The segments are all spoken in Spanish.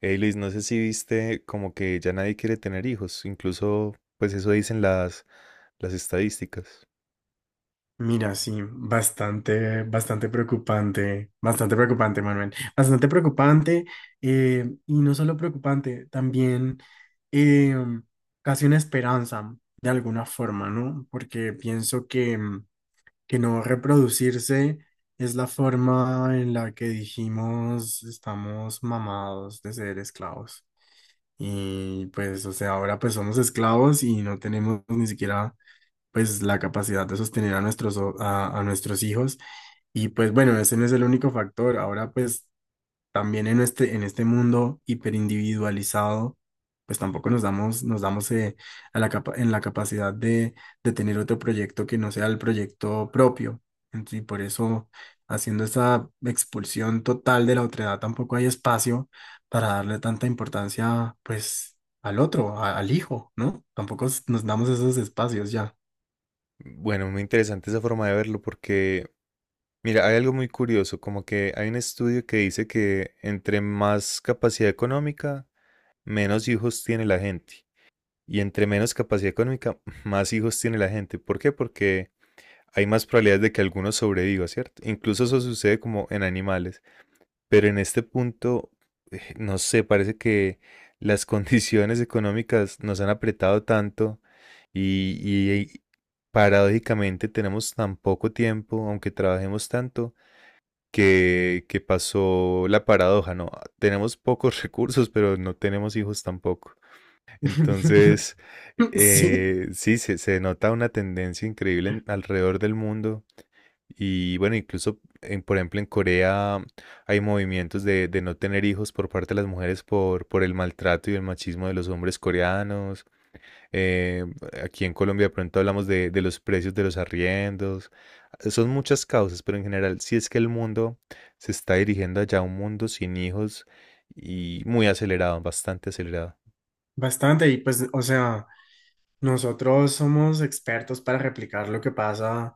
Hey Luis, no sé si viste como que ya nadie quiere tener hijos, incluso pues eso dicen las estadísticas. Mira, sí, bastante preocupante, bastante preocupante, Manuel, bastante preocupante, y no solo preocupante, también eh, casi una esperanza de alguna forma, ¿no? Porque pienso que no reproducirse es la forma en la que dijimos estamos mamados de ser esclavos. Y pues, o sea, ahora pues somos esclavos y no tenemos ni siquiera pues la capacidad de sostener a nuestros hijos. Y pues bueno, ese no es el único factor. Ahora pues también en este mundo hiperindividualizado, pues tampoco nos damos a la capa- en la capacidad de tener otro proyecto que no sea el proyecto propio. Y por eso haciendo esa expulsión total de la otredad tampoco hay espacio para darle tanta importancia pues al otro, al hijo, ¿no? Tampoco nos damos esos espacios ya. Bueno, muy interesante esa forma de verlo porque, mira, hay algo muy curioso, como que hay un estudio que dice que entre más capacidad económica, menos hijos tiene la gente. Y entre menos capacidad económica, más hijos tiene la gente. ¿Por qué? Porque hay más probabilidades de que alguno sobreviva, ¿cierto? Incluso eso sucede como en animales. Pero en este punto, no sé, parece que las condiciones económicas nos han apretado tanto y paradójicamente tenemos tan poco tiempo, aunque trabajemos tanto, que pasó la paradoja, ¿no? Tenemos pocos recursos, pero no tenemos hijos tampoco. Entonces, Sí, sí, se nota una tendencia increíble alrededor del mundo y bueno, incluso, por ejemplo, en Corea hay movimientos de no tener hijos por parte de las mujeres por el maltrato y el machismo de los hombres coreanos. Eh, aquí en Colombia de pronto hablamos de los precios de los arriendos. Son muchas causas, pero en general sí es que el mundo se está dirigiendo allá a un mundo sin hijos y muy acelerado, bastante acelerado. bastante. Y pues, o sea, nosotros somos expertos para replicar lo que pasa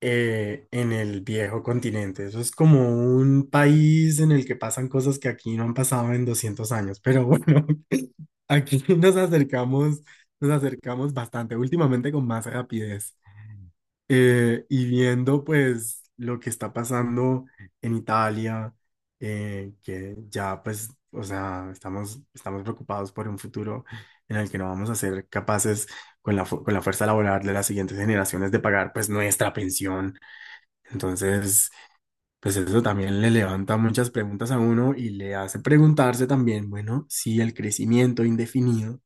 en el viejo continente. Eso es como un país en el que pasan cosas que aquí no han pasado en 200 años. Pero bueno, aquí nos acercamos bastante, últimamente con más rapidez. Y viendo pues lo que está pasando en Italia, que ya pues, o sea, estamos, estamos preocupados por un futuro en el que no vamos a ser capaces con con la fuerza laboral de las siguientes generaciones de pagar pues nuestra pensión. Entonces, pues eso también le levanta muchas preguntas a uno y le hace preguntarse también, bueno, si el crecimiento indefinido,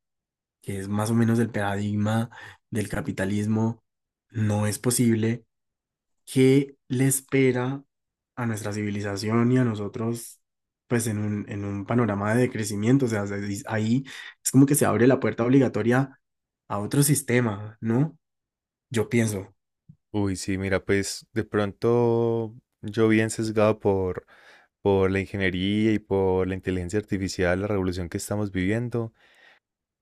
que es más o menos el paradigma del capitalismo, no es posible. ¿Qué le espera a nuestra civilización y a nosotros, pues en un panorama de crecimiento? O sea, ahí es como que se abre la puerta obligatoria a otro sistema, ¿no? Yo pienso, Uy, sí, mira, pues de pronto yo bien sesgado por la ingeniería y por la inteligencia artificial, la revolución que estamos viviendo.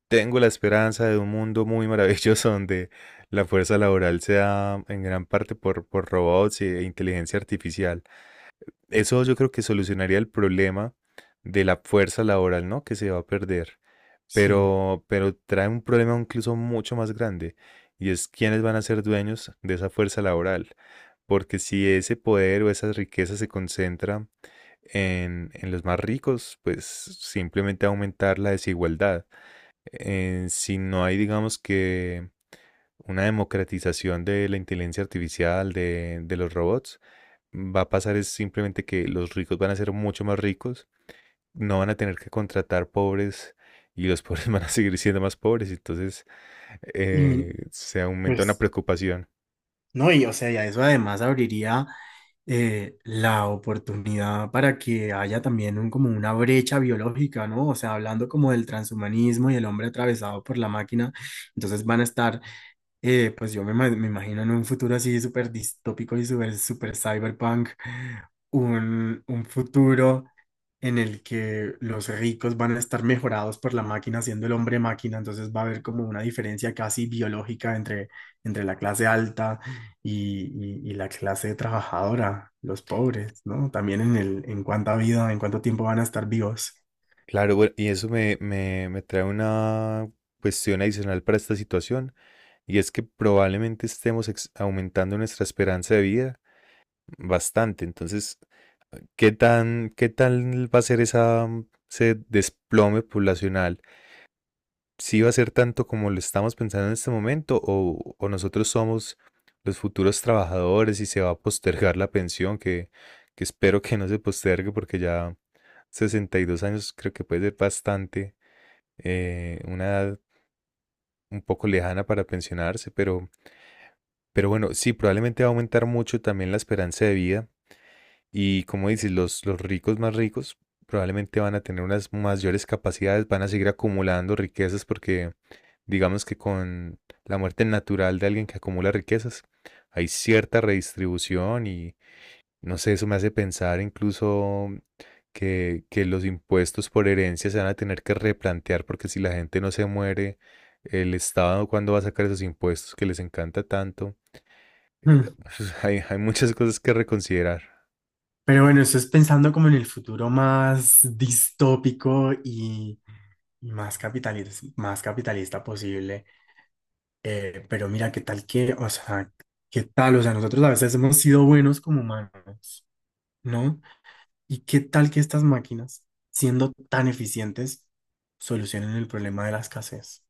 Tengo la esperanza de un mundo muy maravilloso donde la fuerza laboral sea en gran parte por robots e inteligencia artificial. Eso yo creo que solucionaría el problema de la fuerza laboral, ¿no? Que se va a perder. sí. Pero trae un problema incluso mucho más grande y es quiénes van a ser dueños de esa fuerza laboral. Porque si ese poder o esa riqueza se concentra en los más ricos, pues simplemente aumentar la desigualdad. Si no hay, digamos que una democratización de la inteligencia artificial, de los robots, va a pasar es simplemente que los ricos van a ser mucho más ricos, no van a tener que contratar pobres y los pobres van a seguir siendo más pobres. Entonces, Y mi- se aumenta una pues, preocupación. no, y o sea, y a eso además abriría la oportunidad para que haya también como una brecha biológica, ¿no? O sea, hablando como del transhumanismo y el hombre atravesado por la máquina, entonces van a estar. Me imagino en un futuro así súper distópico y súper cyberpunk, un futuro en el que los ricos van a estar mejorados por la máquina, siendo el hombre máquina, entonces va a haber como una diferencia casi biológica entre, entre la clase alta y, y la clase trabajadora, los pobres, ¿no? También en en cuánta vida, en cuánto tiempo van a estar vivos. Claro, bueno, y eso me trae una cuestión adicional para esta situación, y es que probablemente estemos aumentando nuestra esperanza de vida bastante. Entonces, ¿qué tal va a ser esa, ese desplome poblacional? ¿Sí va a ser tanto como lo estamos pensando en este momento, o nosotros somos los futuros trabajadores y se va a postergar la pensión, que espero que no se postergue porque ya 62 años creo que puede ser bastante una edad un poco lejana para pensionarse, pero bueno, sí, probablemente va a aumentar mucho también la esperanza de vida y como dices, los ricos más ricos probablemente van a tener unas mayores capacidades, van a seguir acumulando riquezas porque digamos que con la muerte natural de alguien que acumula riquezas hay cierta redistribución y no sé, eso me hace pensar incluso que los impuestos por herencia se van a tener que replantear porque si la gente no se muere, el Estado cuándo va a sacar esos impuestos que les encanta tanto. Mm. Hay muchas cosas que reconsiderar. Pero bueno, eso es pensando como en el futuro más distópico, más capitalista posible. Pero mira, qué tal, o sea, nosotros a veces hemos sido buenos como humanos, ¿no? Y qué tal que estas máquinas, siendo tan eficientes, solucionen el problema de la escasez.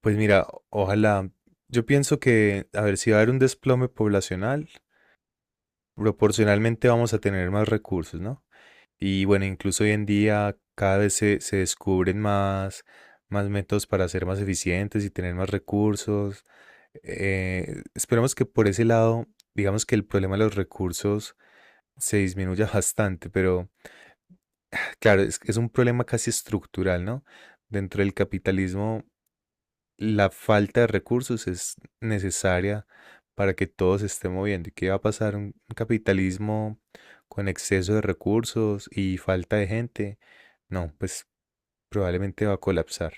Pues mira, ojalá, yo pienso que, a ver, si va a haber un desplome poblacional, proporcionalmente vamos a tener más recursos, ¿no? Y bueno, incluso hoy en día cada vez se descubren más, más métodos para ser más eficientes y tener más recursos. Esperemos que por ese lado, digamos que el problema de los recursos se disminuya bastante, pero claro, es un problema casi estructural, ¿no? Dentro del capitalismo la falta de recursos es necesaria para que todo se esté moviendo. ¿Y qué va a pasar? Un capitalismo con exceso de recursos y falta de gente. No, pues probablemente va a colapsar.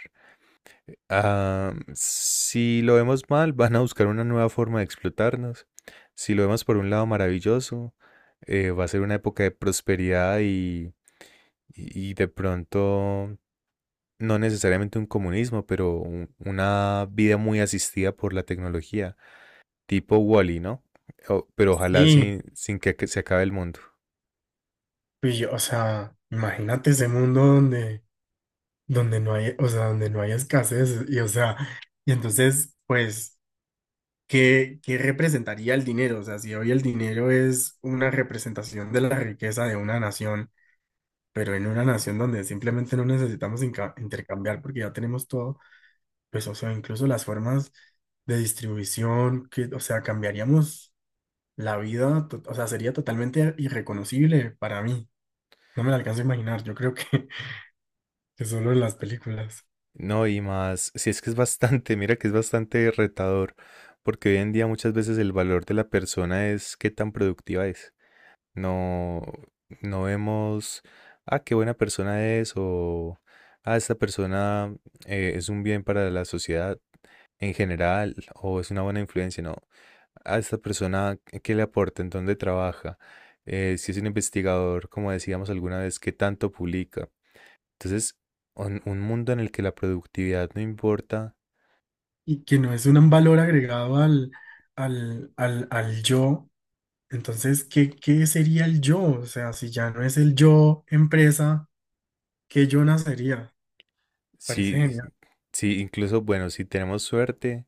Ah, si lo vemos mal, van a buscar una nueva forma de explotarnos. Si lo vemos por un lado maravilloso, va a ser una época de prosperidad y de pronto no necesariamente un comunismo, pero una vida muy asistida por la tecnología, tipo Wall-E, ¿no? Pero ojalá Sí, sin, sin que, que se acabe el mundo. pues, yo, o sea, imagínate ese mundo donde, donde no hay, o sea, donde no hay escasez y, o sea, y entonces, pues. ¿Qué, qué representaría el dinero? O sea, si hoy el dinero es una representación de la riqueza de una nación, pero en una nación donde simplemente no necesitamos intercambiar porque ya tenemos todo, pues, o sea, incluso las formas de distribución, que, o sea, cambiaríamos la vida, o sea, sería totalmente irreconocible para mí. No me la alcanzo a imaginar, yo creo que, que solo en las películas. No, y más, si es que es bastante, mira que es bastante retador, porque hoy en día muchas veces el valor de la persona es qué tan productiva es. No, no vemos, ah, qué buena persona es, o, ah, esta persona es un bien para la sociedad en general, o es una buena influencia, no. A esta persona qué le aporta, en dónde trabaja, si es un investigador, como decíamos alguna vez, qué tanto publica. Entonces, un mundo en el que la productividad no importa, Y que no es un valor agregado al yo. Entonces, ¿qué, qué sería el yo? O sea, si ya no es el yo empresa, ¿qué yo nacería? Parece si, genial. si incluso, bueno, si tenemos suerte,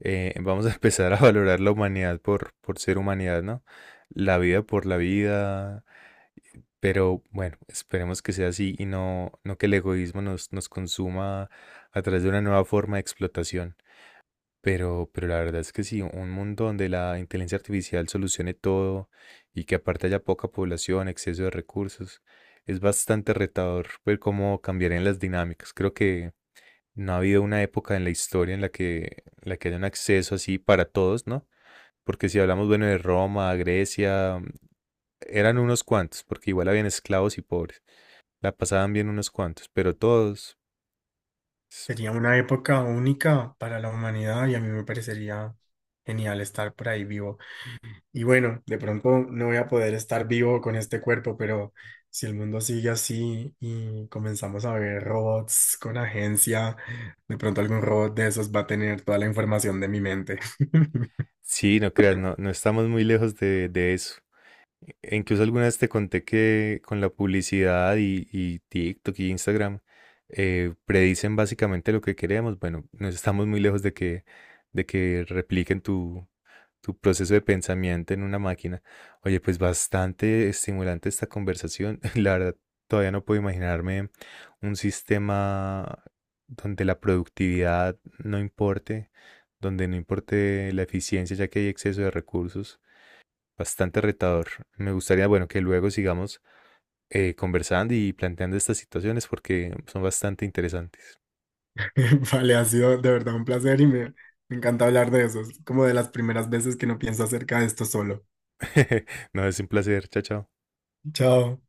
vamos a empezar a valorar la humanidad por ser humanidad, ¿no? La vida por la vida, pero bueno, esperemos que sea así y no, no que el egoísmo nos consuma a través de una nueva forma de explotación. Pero la verdad es que sí, un mundo donde la inteligencia artificial solucione todo y que aparte haya poca población, exceso de recursos, es bastante retador ver cómo cambiarían las dinámicas. Creo que no ha habido una época en la historia en la que haya un acceso así para todos, ¿no? Porque si hablamos, bueno, de Roma, Grecia, eran unos cuantos, porque igual habían esclavos y pobres, la pasaban bien unos cuantos, pero todos, Sería una época única para la humanidad y a mí me parecería genial estar por ahí vivo. Y bueno, de pronto no voy a poder estar vivo con este cuerpo, pero si el mundo sigue así y comenzamos a ver robots con agencia, de pronto algún robot de esos va a tener toda la información de mi mente. sí, no creas, no, no estamos muy lejos de eso. Incluso alguna vez te conté que con la publicidad y TikTok y Instagram predicen básicamente lo que queremos. Bueno, no estamos muy lejos de que repliquen tu, tu proceso de pensamiento en una máquina. Oye, pues bastante estimulante esta conversación. La verdad, todavía no puedo imaginarme un sistema donde la productividad no importe, donde no importe la eficiencia, ya que hay exceso de recursos. Bastante retador. Me gustaría, bueno, que luego sigamos conversando y planteando estas situaciones porque son bastante interesantes. Vale, ha sido de verdad un placer y me encanta hablar de eso. Es como de las primeras veces que no pienso acerca de esto solo. No, es un placer. Chao, chao. Chao.